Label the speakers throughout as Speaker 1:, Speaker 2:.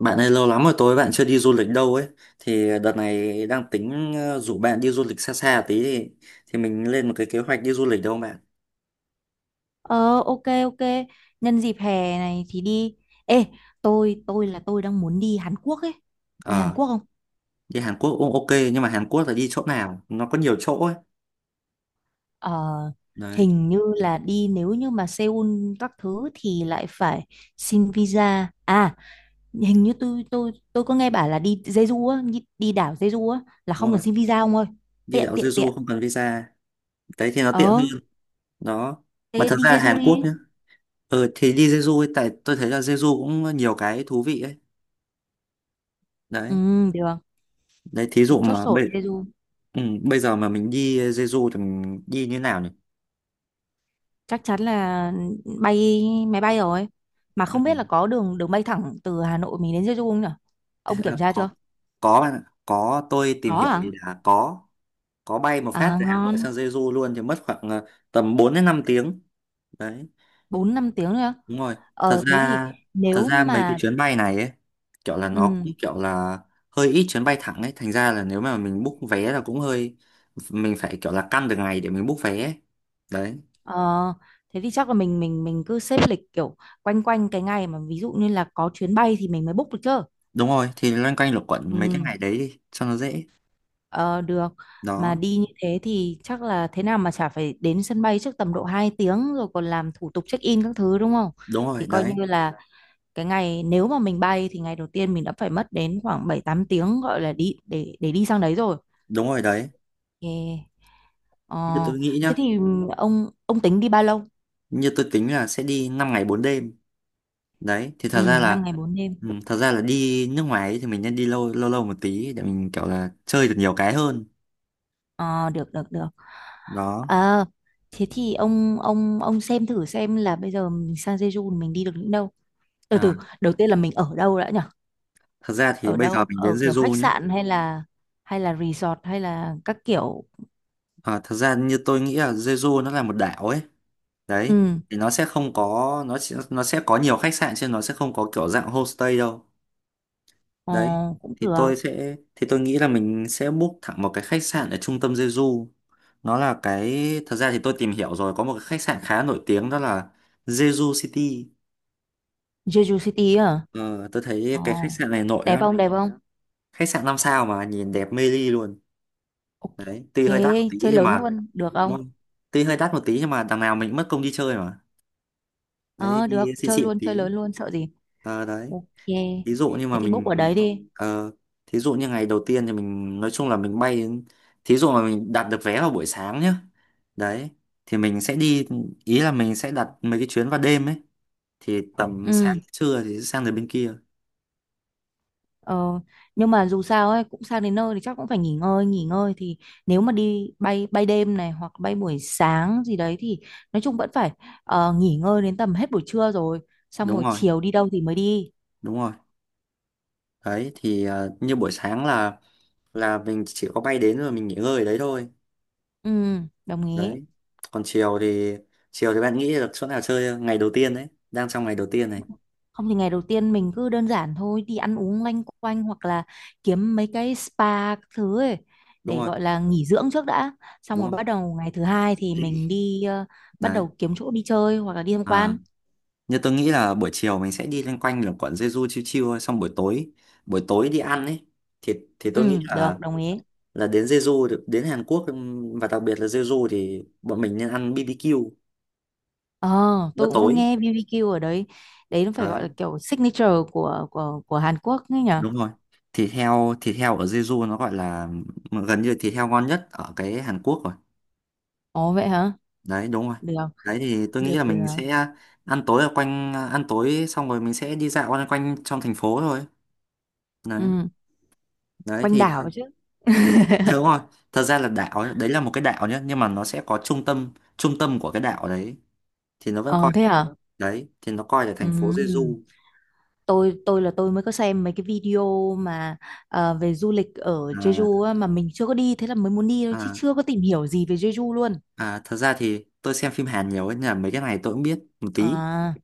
Speaker 1: Bạn ơi, lâu lắm rồi tối bạn chưa đi du lịch đâu ấy. Thì đợt này đang tính rủ bạn đi du lịch xa xa tí. Thì mình lên một cái kế hoạch đi du lịch đâu không bạn?
Speaker 2: Ờ, ok ok Nhân dịp hè này thì đi. Ê, tôi đang muốn đi Hàn Quốc ấy. Đi Hàn
Speaker 1: Ờ,
Speaker 2: Quốc không?
Speaker 1: đi Hàn Quốc cũng ok. Nhưng mà Hàn Quốc là đi chỗ nào? Nó có nhiều chỗ ấy.
Speaker 2: Ờ,
Speaker 1: Đấy,
Speaker 2: hình như là đi nếu như mà Seoul các thứ thì lại phải xin visa. À, hình như tôi có nghe bảo là đi Jeju á. Đi đảo Jeju á là
Speaker 1: đúng
Speaker 2: không cần
Speaker 1: rồi.
Speaker 2: xin visa, ông ơi.
Speaker 1: Đi
Speaker 2: Tiện
Speaker 1: đảo
Speaker 2: tiện tiện
Speaker 1: Jeju không cần visa. Đấy thì nó tiện
Speaker 2: Ờ,
Speaker 1: hơn. Đó. Mà
Speaker 2: thế
Speaker 1: thật
Speaker 2: đi
Speaker 1: ra
Speaker 2: Jeju
Speaker 1: Hàn Quốc
Speaker 2: đi.
Speaker 1: nhá. Ừ, thì đi Jeju ấy, tại tôi thấy là Jeju cũng nhiều cái thú vị ấy. Đấy.
Speaker 2: Ừ, được.
Speaker 1: Đấy, thí
Speaker 2: Thế
Speaker 1: dụ
Speaker 2: chốt
Speaker 1: mà
Speaker 2: sổ đi Jeju,
Speaker 1: bây giờ mà mình đi Jeju thì mình đi như nào nhỉ?
Speaker 2: chắc chắn là bay máy bay rồi, mà không
Speaker 1: Ừ.
Speaker 2: biết là có đường đường bay thẳng từ Hà Nội mình đến Jeju không nhỉ? Ông kiểm
Speaker 1: Ờ,
Speaker 2: tra
Speaker 1: có
Speaker 2: chưa?
Speaker 1: có bạn ạ. Có, tôi tìm
Speaker 2: Có
Speaker 1: hiểu
Speaker 2: à?
Speaker 1: thì là có bay một
Speaker 2: À
Speaker 1: phát từ Hà Nội
Speaker 2: ngon,
Speaker 1: sang Jeju luôn, thì mất khoảng tầm 4 đến 5 tiếng. Đấy,
Speaker 2: bốn năm tiếng nữa.
Speaker 1: đúng rồi. thật
Speaker 2: Ờ thế thì
Speaker 1: ra thật
Speaker 2: nếu
Speaker 1: ra mấy cái
Speaker 2: mà
Speaker 1: chuyến bay này ấy kiểu là nó
Speaker 2: ừ,
Speaker 1: cũng kiểu là hơi ít chuyến bay thẳng ấy, thành ra là nếu mà mình book vé là cũng hơi, mình phải kiểu là căn được ngày để mình book vé ấy. Đấy,
Speaker 2: ờ, thế thì chắc là mình cứ xếp lịch kiểu quanh quanh cái ngày mà ví dụ như là có chuyến bay thì mình mới book được chứ.
Speaker 1: đúng rồi, thì loanh quanh luẩn quẩn mấy cái
Speaker 2: Ừ.
Speaker 1: ngày đấy đi cho nó dễ.
Speaker 2: ờ, Được. Mà
Speaker 1: Đó.
Speaker 2: đi như thế thì chắc là thế nào mà chả phải đến sân bay trước tầm độ 2 tiếng rồi còn làm thủ tục check in các thứ, đúng không?
Speaker 1: Đúng
Speaker 2: Thì
Speaker 1: rồi.
Speaker 2: coi như
Speaker 1: Đấy,
Speaker 2: là cái ngày nếu mà mình bay thì ngày đầu tiên mình đã phải mất đến khoảng 7 8 tiếng gọi là đi để đi sang đấy rồi.
Speaker 1: đúng rồi. Đấy,
Speaker 2: Yeah. Ờ,
Speaker 1: như tôi nghĩ nhá,
Speaker 2: thế thì ông tính đi bao lâu?
Speaker 1: như tôi tính là sẽ đi 5 ngày 4 đêm. Đấy thì
Speaker 2: Ừ, 5 ngày bốn đêm.
Speaker 1: thật ra là đi nước ngoài ấy thì mình nên đi lâu lâu lâu một tí để mình kiểu là chơi được nhiều cái hơn.
Speaker 2: Ờ, được được được.
Speaker 1: Đó.
Speaker 2: Ờ, thế thì ông xem thử xem là bây giờ mình sang Jeju mình đi được những đâu. Từ
Speaker 1: À,
Speaker 2: từ, đầu tiên là mình ở đâu đã nhỉ?
Speaker 1: thật ra thì
Speaker 2: Ở
Speaker 1: bây giờ
Speaker 2: đâu?
Speaker 1: mình đến
Speaker 2: Ở kiểu khách
Speaker 1: Jeju nhé.
Speaker 2: sạn hay là resort hay là các kiểu.
Speaker 1: À, thật ra như tôi nghĩ là Jeju nó là một đảo ấy. Đấy
Speaker 2: Ừ,
Speaker 1: thì nó sẽ không có, nó sẽ có nhiều khách sạn chứ nó sẽ không có kiểu dạng homestay đâu.
Speaker 2: ờ,
Speaker 1: Đấy
Speaker 2: cũng
Speaker 1: thì
Speaker 2: được.
Speaker 1: tôi nghĩ là mình sẽ book thẳng một cái khách sạn ở trung tâm Jeju. Nó là cái Thật ra thì tôi tìm hiểu rồi, có một cái khách sạn khá nổi tiếng, đó là Jeju City.
Speaker 2: Jeju City à?
Speaker 1: Ờ, tôi thấy
Speaker 2: Ồ,
Speaker 1: cái khách sạn này nổi
Speaker 2: đẹp
Speaker 1: lắm,
Speaker 2: không, đẹp không?
Speaker 1: khách sạn 5 sao mà nhìn đẹp mê ly luôn. Đấy,
Speaker 2: Ok,
Speaker 1: tuy hơi đắt một tí
Speaker 2: chơi
Speaker 1: nhưng
Speaker 2: lớn
Speaker 1: mà,
Speaker 2: luôn, được ừ. Không?
Speaker 1: đúng không? Tuy hơi đắt một tí nhưng mà đằng nào mình cũng mất công đi chơi mà. Đấy thì
Speaker 2: Ờ, được,
Speaker 1: đi xịn
Speaker 2: chơi
Speaker 1: xịn một
Speaker 2: luôn, chơi
Speaker 1: tí.
Speaker 2: lớn luôn, sợ gì?
Speaker 1: Ờ, đấy,
Speaker 2: Ok,
Speaker 1: ví dụ như mà
Speaker 2: thế thì book ở
Speaker 1: mình
Speaker 2: đấy đi.
Speaker 1: ờ, thí dụ như ngày đầu tiên thì mình nói chung là thí dụ mà mình đặt được vé vào buổi sáng nhá. Đấy thì mình sẽ đi ý là mình sẽ đặt mấy cái chuyến vào đêm ấy, thì tầm sáng
Speaker 2: Ừ,
Speaker 1: trưa thì sẽ sang đến bên kia.
Speaker 2: ờ, nhưng mà dù sao ấy, cũng sang đến nơi thì chắc cũng phải nghỉ ngơi thì nếu mà đi bay bay đêm này hoặc bay buổi sáng gì đấy thì nói chung vẫn phải nghỉ ngơi đến tầm hết buổi trưa rồi, xong
Speaker 1: Đúng
Speaker 2: rồi
Speaker 1: rồi,
Speaker 2: chiều đi đâu thì mới đi.
Speaker 1: đúng rồi. Đấy thì như buổi sáng là mình chỉ có bay đến rồi mình nghỉ ngơi ở đấy thôi.
Speaker 2: Ừ, đồng ý.
Speaker 1: Đấy, còn chiều thì bạn nghĩ được chỗ nào chơi không? Ngày đầu tiên đấy, đang trong ngày đầu tiên này.
Speaker 2: Không thì ngày đầu tiên mình cứ đơn giản thôi, đi ăn uống loanh quanh hoặc là kiếm mấy cái spa các thứ ấy
Speaker 1: Đúng
Speaker 2: để
Speaker 1: rồi,
Speaker 2: gọi là nghỉ dưỡng trước đã. Xong rồi
Speaker 1: đúng rồi.
Speaker 2: bắt đầu ngày thứ hai thì mình đi, bắt
Speaker 1: Đấy,
Speaker 2: đầu kiếm chỗ đi chơi hoặc là đi tham
Speaker 1: à,
Speaker 2: quan.
Speaker 1: như tôi nghĩ là buổi chiều mình sẽ đi loanh quanh là quận Jeju chiêu chiêu thôi, xong buổi tối đi ăn ấy. Thì tôi nghĩ
Speaker 2: Ừ,
Speaker 1: là
Speaker 2: được, đồng ý.
Speaker 1: đến Hàn Quốc, và đặc biệt là Jeju thì bọn mình nên ăn BBQ
Speaker 2: Ờ,
Speaker 1: bữa
Speaker 2: tôi cũng có
Speaker 1: tối.
Speaker 2: nghe BBQ ở đấy. Đấy nó phải gọi là
Speaker 1: Đấy,
Speaker 2: kiểu signature của Hàn Quốc ấy nhỉ?
Speaker 1: đúng rồi. Thịt heo ở Jeju nó gọi là gần như thịt heo ngon nhất ở cái Hàn Quốc rồi.
Speaker 2: Ồ vậy hả?
Speaker 1: Đấy, đúng rồi.
Speaker 2: Được,
Speaker 1: Đấy thì tôi nghĩ
Speaker 2: được
Speaker 1: là
Speaker 2: được.
Speaker 1: mình sẽ ăn tối xong rồi mình sẽ đi dạo quanh quanh trong thành phố thôi. Đấy.
Speaker 2: Ừ,
Speaker 1: Đấy
Speaker 2: quanh
Speaker 1: thì
Speaker 2: đảo chứ.
Speaker 1: đúng rồi, thật ra là đảo ấy, đấy là một cái đảo nhé, nhưng mà nó sẽ có trung tâm của cái đảo đấy. thì nó vẫn
Speaker 2: Ờ
Speaker 1: coi
Speaker 2: thế hả?
Speaker 1: thì nó coi là
Speaker 2: Ừ.
Speaker 1: thành phố Jeju.
Speaker 2: Tôi mới có xem mấy cái video mà về du lịch ở
Speaker 1: à,
Speaker 2: Jeju á, mà mình chưa có đi thế là mới muốn đi thôi chứ
Speaker 1: à,
Speaker 2: chưa có tìm hiểu gì về Jeju luôn.
Speaker 1: à, thật ra thì tôi xem phim Hàn nhiều ấy, nên là mấy cái này tôi cũng biết một tí.
Speaker 2: À,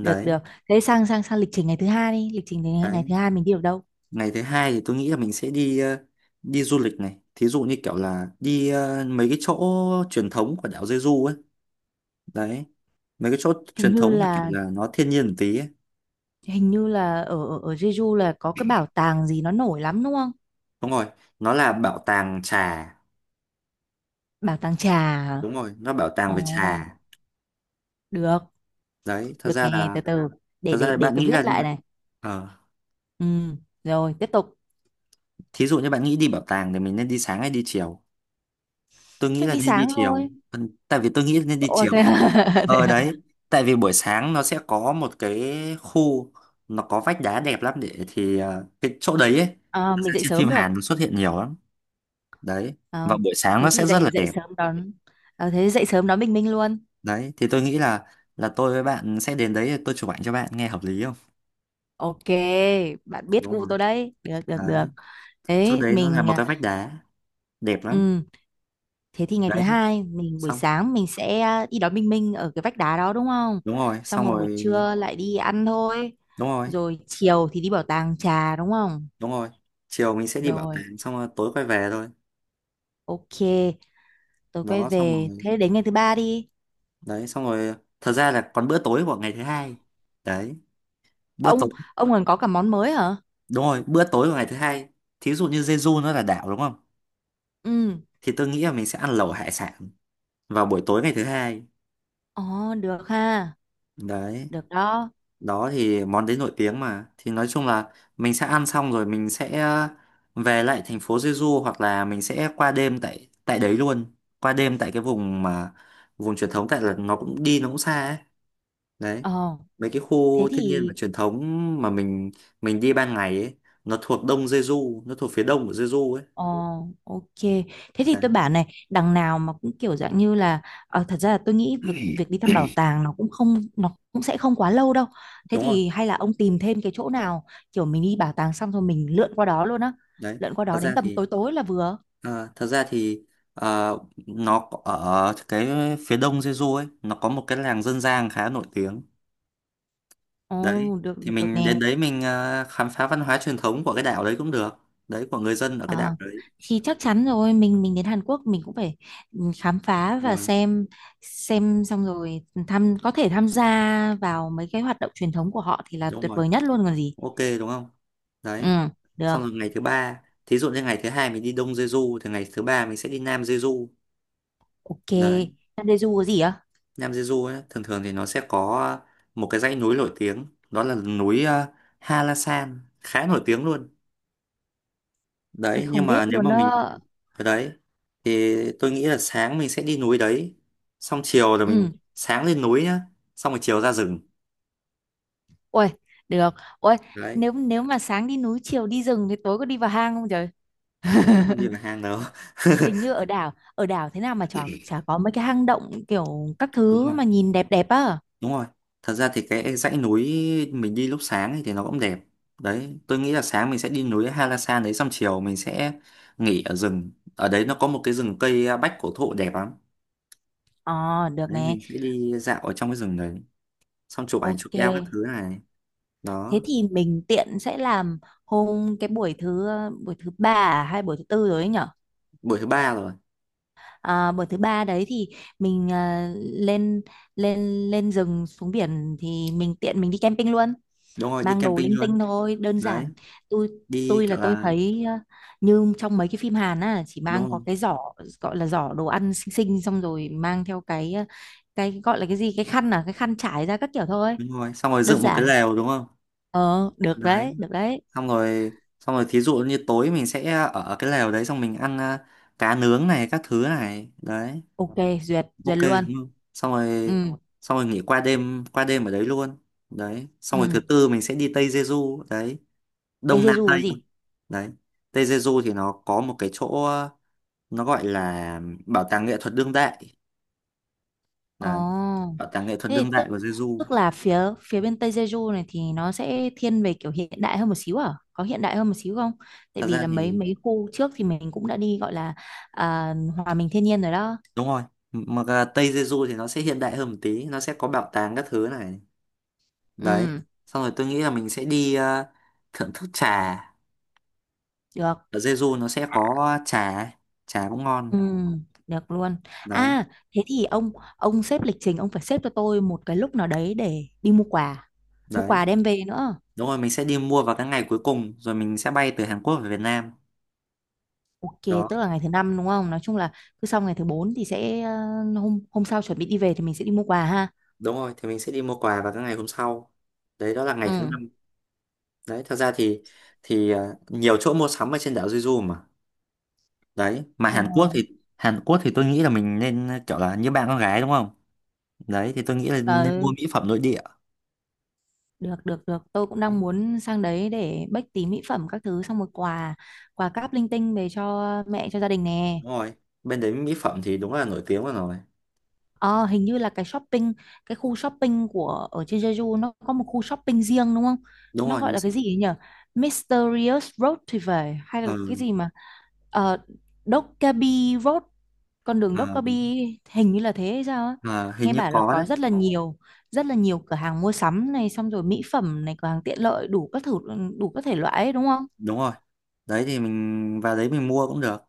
Speaker 2: được được Thế sang sang sang lịch trình ngày thứ hai đi. Lịch trình ngày
Speaker 1: Đấy,
Speaker 2: thứ hai mình đi ở đâu?
Speaker 1: ngày thứ hai thì tôi nghĩ là mình sẽ đi đi du lịch này. Thí dụ như kiểu là đi mấy cái chỗ truyền thống của đảo Jeju ấy. Đấy. Mấy cái chỗ
Speaker 2: hình
Speaker 1: truyền
Speaker 2: như
Speaker 1: thống là kiểu
Speaker 2: là
Speaker 1: là nó thiên nhiên một tí ấy.
Speaker 2: Hình như là ở ở Jeju là có cái bảo tàng gì nó nổi lắm đúng không?
Speaker 1: Đúng rồi. Nó là bảo tàng trà.
Speaker 2: Bảo tàng trà hả?
Speaker 1: Đúng rồi, nó bảo
Speaker 2: Ồ,
Speaker 1: tàng về trà.
Speaker 2: được.
Speaker 1: Đấy, thật
Speaker 2: Được,
Speaker 1: ra
Speaker 2: nghe
Speaker 1: là
Speaker 2: từ từ, để
Speaker 1: thật ra
Speaker 2: để
Speaker 1: là
Speaker 2: để
Speaker 1: bạn
Speaker 2: tôi
Speaker 1: nghĩ là
Speaker 2: viết lại này.
Speaker 1: ờ,
Speaker 2: Ừ, rồi tiếp tục.
Speaker 1: thí dụ như bạn nghĩ đi bảo tàng thì mình nên đi sáng hay đi chiều? Tôi nghĩ
Speaker 2: Chắc
Speaker 1: là
Speaker 2: đi
Speaker 1: nên đi
Speaker 2: sáng
Speaker 1: chiều.
Speaker 2: thôi.
Speaker 1: Ừ, tại vì tôi nghĩ là nên đi
Speaker 2: Ồ
Speaker 1: chiều.
Speaker 2: thế à? Thế
Speaker 1: Ờ
Speaker 2: à?
Speaker 1: đấy, tại vì buổi sáng nó sẽ có một cái khu, nó có vách đá đẹp lắm, để thì cái chỗ đấy ấy,
Speaker 2: À,
Speaker 1: thật
Speaker 2: mình
Speaker 1: ra
Speaker 2: dậy
Speaker 1: trên phim
Speaker 2: sớm được.
Speaker 1: Hàn nó xuất hiện nhiều lắm. Đấy, và
Speaker 2: Ờ,
Speaker 1: buổi sáng
Speaker 2: thế
Speaker 1: nó
Speaker 2: thì
Speaker 1: sẽ rất là
Speaker 2: dậy dậy
Speaker 1: đẹp.
Speaker 2: sớm đón, thế dậy sớm đón Bình Minh luôn.
Speaker 1: Đấy, thì tôi nghĩ là tôi với bạn sẽ đến đấy, tôi chụp ảnh cho bạn, nghe hợp lý không?
Speaker 2: Ok, bạn biết
Speaker 1: Đúng
Speaker 2: gu
Speaker 1: rồi.
Speaker 2: tôi đấy, được được được
Speaker 1: Đấy, chỗ
Speaker 2: Thế
Speaker 1: đấy nó là
Speaker 2: mình,
Speaker 1: một
Speaker 2: à,
Speaker 1: cái vách đá đẹp lắm.
Speaker 2: ừ, thế thì ngày thứ
Speaker 1: Đấy,
Speaker 2: hai mình buổi
Speaker 1: xong.
Speaker 2: sáng mình sẽ, à, đi đón Bình Minh ở cái vách đá đó đúng không?
Speaker 1: Đúng rồi,
Speaker 2: Xong
Speaker 1: xong
Speaker 2: rồi buổi
Speaker 1: rồi.
Speaker 2: trưa lại đi ăn thôi,
Speaker 1: Đúng rồi,
Speaker 2: rồi chiều thì đi bảo tàng trà đúng không?
Speaker 1: đúng rồi. Chiều mình sẽ đi bảo
Speaker 2: Rồi,
Speaker 1: tàng xong rồi tối quay về thôi.
Speaker 2: ok. Tôi quay
Speaker 1: Đó, xong
Speaker 2: về,
Speaker 1: rồi.
Speaker 2: thế đến ngày thứ ba đi.
Speaker 1: Đấy, xong rồi. Thật ra là còn bữa tối của ngày thứ hai. Đấy, bữa
Speaker 2: ông
Speaker 1: tối.
Speaker 2: ông còn có cả món mới hả?
Speaker 1: Đúng rồi, bữa tối của ngày thứ hai. Thí dụ như Jeju nó là đảo đúng không,
Speaker 2: Ừ.
Speaker 1: thì tôi nghĩ là mình sẽ ăn lẩu hải sản vào buổi tối ngày thứ hai.
Speaker 2: Ồ được ha.
Speaker 1: Đấy.
Speaker 2: Được đó.
Speaker 1: Đó thì món đấy nổi tiếng mà, thì nói chung là mình sẽ ăn xong rồi mình sẽ về lại thành phố Jeju, hoặc là mình sẽ qua đêm tại tại đấy luôn. Qua đêm tại cái vùng truyền thống, tại là nó cũng xa ấy. Đấy,
Speaker 2: Ờ.
Speaker 1: mấy cái khu
Speaker 2: Thế
Speaker 1: thiên nhiên và
Speaker 2: thì
Speaker 1: truyền thống mà mình đi ban ngày ấy, nó thuộc phía đông của Jeju ấy.
Speaker 2: ờ, ok. Thế thì
Speaker 1: Đấy.
Speaker 2: tôi bảo này, đằng nào mà cũng kiểu dạng như là, ờ, thật ra là tôi nghĩ việc việc đi thăm bảo tàng nó cũng không, nó cũng sẽ không quá lâu đâu. Thế
Speaker 1: Đúng rồi.
Speaker 2: thì hay là ông tìm thêm cái chỗ nào kiểu mình đi bảo tàng xong rồi mình lượn qua đó luôn á.
Speaker 1: Đấy,
Speaker 2: Lượn qua
Speaker 1: thật
Speaker 2: đó đến
Speaker 1: ra
Speaker 2: tầm
Speaker 1: thì
Speaker 2: tối tối là vừa.
Speaker 1: thật ra thì à, ở cái phía đông Jeju ấy, nó có một cái làng dân gian khá nổi tiếng. Đấy,
Speaker 2: Ồ, được
Speaker 1: thì
Speaker 2: được được
Speaker 1: mình
Speaker 2: nè.
Speaker 1: đến đấy, mình khám phá văn hóa truyền thống của cái đảo đấy cũng được, đấy, của người dân ở cái đảo
Speaker 2: Ờ,
Speaker 1: đấy.
Speaker 2: thì chắc chắn rồi, mình đến Hàn Quốc mình cũng phải, ừ, khám phá và
Speaker 1: Rồi.
Speaker 2: xem. Xong rồi có thể tham gia vào mấy cái hoạt động truyền thống của họ thì là
Speaker 1: Đúng
Speaker 2: tuyệt
Speaker 1: rồi.
Speaker 2: vời nhất luôn còn gì.
Speaker 1: Ok, đúng không?
Speaker 2: Ừ,
Speaker 1: Đấy,
Speaker 2: được,
Speaker 1: xong rồi, ngày thứ ba. Thí dụ như ngày thứ hai mình đi Đông Jeju thì ngày thứ ba mình sẽ đi Nam Jeju.
Speaker 2: ok.
Speaker 1: Đấy.
Speaker 2: Nandeju có gì á?
Speaker 1: Nam Jeju ấy, thường thường thì nó sẽ có một cái dãy núi nổi tiếng, đó là núi Halasan, khá nổi tiếng luôn.
Speaker 2: Tôi
Speaker 1: Đấy, nhưng
Speaker 2: không
Speaker 1: mà
Speaker 2: biết
Speaker 1: nếu
Speaker 2: luôn
Speaker 1: mà mình
Speaker 2: á.
Speaker 1: ở đấy thì tôi nghĩ là sáng mình sẽ đi núi đấy, xong chiều là mình,
Speaker 2: Ừ,
Speaker 1: sáng lên núi nhá, xong rồi chiều ra rừng.
Speaker 2: ôi, được. Ôi,
Speaker 1: Đấy,
Speaker 2: nếu nếu mà sáng đi núi, chiều đi rừng thì tối có đi vào hang không trời?
Speaker 1: tối không đi vào hang đâu.
Speaker 2: Hình như ở đảo thế nào mà chả có mấy cái hang động kiểu các
Speaker 1: Đúng,
Speaker 2: thứ mà nhìn đẹp đẹp á.
Speaker 1: đúng rồi. Thật ra thì cái dãy núi mình đi lúc sáng ấy thì nó cũng đẹp. Đấy, tôi nghĩ là sáng mình sẽ đi núi Halasan đấy, xong chiều mình sẽ nghỉ ở rừng. Ở đấy nó có một cái rừng cây bách cổ thụ đẹp lắm.
Speaker 2: Ờ, được
Speaker 1: Đấy,
Speaker 2: nè.
Speaker 1: mình sẽ đi dạo ở trong cái rừng đấy, xong chụp ảnh chụp
Speaker 2: Ok.
Speaker 1: eo các thứ này.
Speaker 2: Thế
Speaker 1: Đó,
Speaker 2: thì mình tiện sẽ làm hôm cái buổi thứ ba, à, hay buổi thứ tư rồi ấy nhỉ?
Speaker 1: buổi thứ ba rồi.
Speaker 2: À, buổi thứ ba đấy thì mình, à, lên lên lên rừng xuống biển thì mình tiện mình đi camping luôn,
Speaker 1: Đúng rồi, đi
Speaker 2: mang đồ
Speaker 1: camping
Speaker 2: linh tinh
Speaker 1: luôn.
Speaker 2: thôi đơn
Speaker 1: Đấy,
Speaker 2: giản. tôi
Speaker 1: đi
Speaker 2: tôi
Speaker 1: kiểu
Speaker 2: là tôi
Speaker 1: là
Speaker 2: thấy, à, như trong mấy cái phim Hàn á chỉ mang
Speaker 1: đúng
Speaker 2: có
Speaker 1: rồi,
Speaker 2: cái giỏ, gọi là giỏ đồ ăn xinh xinh, xong rồi mang theo cái, à, cái gọi là cái gì, cái khăn, à, cái khăn trải ra các kiểu thôi,
Speaker 1: đúng rồi. Xong rồi
Speaker 2: đơn
Speaker 1: dựng một cái
Speaker 2: giản.
Speaker 1: lều đúng không?
Speaker 2: Ờ được
Speaker 1: Đấy,
Speaker 2: đấy, được đấy,
Speaker 1: xong rồi xong rồi thí dụ như tối mình sẽ ở cái lều đấy, xong mình ăn cá nướng này các thứ này. Đấy.
Speaker 2: ok, duyệt
Speaker 1: Ok,
Speaker 2: duyệt luôn.
Speaker 1: đúng không? xong rồi
Speaker 2: Ừ.
Speaker 1: xong rồi nghỉ qua đêm ở đấy luôn. Đấy, xong rồi
Speaker 2: Ừ.
Speaker 1: thứ tư mình sẽ đi Tây Jeju. Đấy,
Speaker 2: Tây
Speaker 1: Đông, Nam,
Speaker 2: Jeju
Speaker 1: Tây.
Speaker 2: có gì?
Speaker 1: Đấy, Tây Jeju thì nó có một cái chỗ, nó gọi là bảo tàng nghệ thuật đương đại. Đấy,
Speaker 2: Ồ,
Speaker 1: bảo tàng nghệ thuật
Speaker 2: thế
Speaker 1: đương
Speaker 2: thì
Speaker 1: đại
Speaker 2: tức
Speaker 1: của Jeju.
Speaker 2: tức là phía phía bên Tây Jeju này thì nó sẽ thiên về kiểu hiện đại hơn một xíu à? Có hiện đại hơn một xíu không? Tại
Speaker 1: Thật
Speaker 2: vì
Speaker 1: ra
Speaker 2: là mấy
Speaker 1: thì
Speaker 2: mấy khu trước thì mình cũng đã đi gọi là, à, hòa mình thiên nhiên rồi đó.
Speaker 1: đúng rồi, mà cả Tây Jeju thì nó sẽ hiện đại hơn một tí, nó sẽ có bảo tàng các thứ này. Đấy,
Speaker 2: Ừ,
Speaker 1: xong rồi tôi nghĩ là mình sẽ đi thưởng thức trà,
Speaker 2: được.
Speaker 1: ở Jeju nó sẽ có trà, trà cũng ngon.
Speaker 2: Ừ, được luôn.
Speaker 1: Đấy.
Speaker 2: À, thế thì ông xếp lịch trình, ông phải xếp cho tôi một cái lúc nào đấy để đi mua quà. Mua
Speaker 1: Đấy,
Speaker 2: quà đem về nữa.
Speaker 1: đúng rồi. Mình sẽ đi mua vào các ngày cuối cùng, rồi mình sẽ bay từ Hàn Quốc về Việt Nam.
Speaker 2: Ok,
Speaker 1: Đó.
Speaker 2: tức là ngày thứ năm đúng không? Nói chung là cứ sau ngày thứ bốn thì sẽ, ờ, hôm hôm sau chuẩn bị đi về thì mình sẽ đi mua quà ha.
Speaker 1: Đúng rồi, thì mình sẽ đi mua quà vào các ngày hôm sau. Đấy, đó là ngày thứ
Speaker 2: Ừ.
Speaker 1: năm. Đấy, thật ra thì nhiều chỗ mua sắm ở trên đảo Jeju mà. Đấy, mà
Speaker 2: Ờ,
Speaker 1: Hàn Quốc thì tôi nghĩ là mình nên kiểu là như bạn con gái đúng không? Đấy thì tôi nghĩ là nên
Speaker 2: ờ,
Speaker 1: mua mỹ phẩm nội địa.
Speaker 2: được được được tôi cũng đang
Speaker 1: Đấy,
Speaker 2: muốn sang đấy để bách tí mỹ phẩm các thứ xong một quà, quà cáp linh tinh về cho mẹ cho gia đình nè.
Speaker 1: đúng rồi. Bên đấy mỹ phẩm thì đúng là nổi tiếng rồi.
Speaker 2: Ờ, hình như là cái shopping, cái khu shopping của ở trên Jeju nó có một khu shopping riêng đúng không?
Speaker 1: Đúng
Speaker 2: Nó
Speaker 1: rồi,
Speaker 2: gọi là cái gì ấy nhỉ? Mysterious Road thì phải, hay
Speaker 1: ờ,
Speaker 2: là cái gì mà, ờ, Dokkaebi Road, con đường
Speaker 1: ờ,
Speaker 2: Dokkaebi, hình như là thế hay sao á.
Speaker 1: ờ, hình
Speaker 2: Nghe
Speaker 1: như
Speaker 2: bảo là
Speaker 1: có
Speaker 2: có
Speaker 1: đấy.
Speaker 2: rất là nhiều cửa hàng mua sắm này, xong rồi mỹ phẩm này, cửa hàng tiện lợi đủ các thử, đủ các thể loại ấy, đúng không?
Speaker 1: Đúng rồi, đấy thì mình vào đấy mình mua cũng được.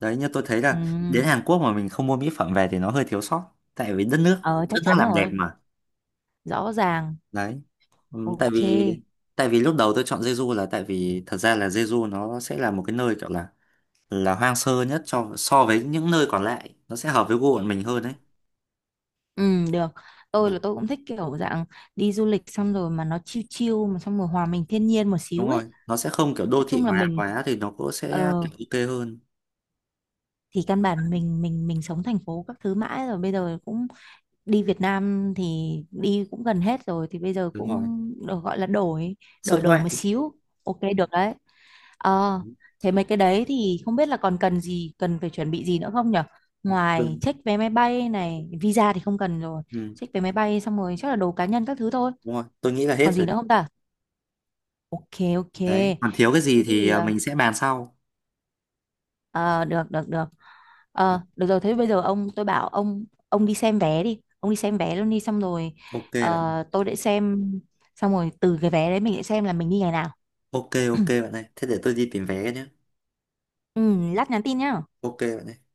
Speaker 1: Đấy, như tôi thấy
Speaker 2: Ừ.
Speaker 1: là đến Hàn Quốc mà mình không mua mỹ phẩm về thì nó hơi thiếu sót, tại vì đất nước
Speaker 2: Ờ
Speaker 1: đất
Speaker 2: chắc
Speaker 1: nước
Speaker 2: chắn
Speaker 1: làm đẹp
Speaker 2: rồi,
Speaker 1: mà.
Speaker 2: rõ ràng.
Speaker 1: Đấy. Ừm, tại
Speaker 2: Ok.
Speaker 1: vì tại vì lúc đầu tôi chọn Jeju là tại vì thật ra là Jeju nó sẽ là một cái nơi kiểu là hoang sơ nhất cho so với những nơi còn lại, nó sẽ hợp với gu bọn mình hơn đấy.
Speaker 2: Ừ được. Tôi
Speaker 1: Đấy,
Speaker 2: là tôi cũng thích kiểu dạng đi du lịch xong rồi mà nó chill chill mà xong rồi hòa mình thiên nhiên một
Speaker 1: đúng
Speaker 2: xíu ấy.
Speaker 1: rồi, nó sẽ không kiểu đô
Speaker 2: Nói
Speaker 1: thị
Speaker 2: chung là
Speaker 1: hóa
Speaker 2: mình,
Speaker 1: quá thì nó cũng sẽ
Speaker 2: ờ,
Speaker 1: kiểu ok hơn.
Speaker 2: thì căn bản mình sống thành phố các thứ mãi rồi, bây giờ cũng đi Việt Nam thì đi cũng gần hết rồi thì bây giờ
Speaker 1: Đúng
Speaker 2: cũng
Speaker 1: rồi,
Speaker 2: được gọi là đổi,
Speaker 1: xuất
Speaker 2: đổi
Speaker 1: ngoại.
Speaker 2: một xíu. Ok được đấy. Ờ, thế mấy cái đấy thì không biết là còn cần gì, cần phải chuẩn bị gì nữa không nhở? Ngoài
Speaker 1: Ừ.
Speaker 2: check vé máy bay này visa thì không cần rồi.
Speaker 1: Ừ.
Speaker 2: Check vé máy bay xong rồi chắc là đồ cá nhân các thứ thôi.
Speaker 1: Đúng rồi, tôi nghĩ là hết
Speaker 2: Còn gì
Speaker 1: rồi.
Speaker 2: nữa không ta? Ok. Ok.
Speaker 1: Đấy, còn thiếu cái gì
Speaker 2: Thế
Speaker 1: thì
Speaker 2: thì ờ,
Speaker 1: mình sẽ bàn sau.
Speaker 2: ờ, được được được
Speaker 1: Đấy,
Speaker 2: Ờ, được rồi thế bây giờ ông, tôi bảo ông đi xem vé đi, ông đi xem vé luôn đi, xong rồi,
Speaker 1: ok bạn.
Speaker 2: ờ, tôi để xem. Xong rồi từ cái vé đấy mình sẽ xem là mình đi ngày nào.
Speaker 1: Ok, ok bạn ơi, thế để tôi đi tìm vé nhé.
Speaker 2: Ừ, lát nhắn tin nhá.
Speaker 1: Ok bạn ơi.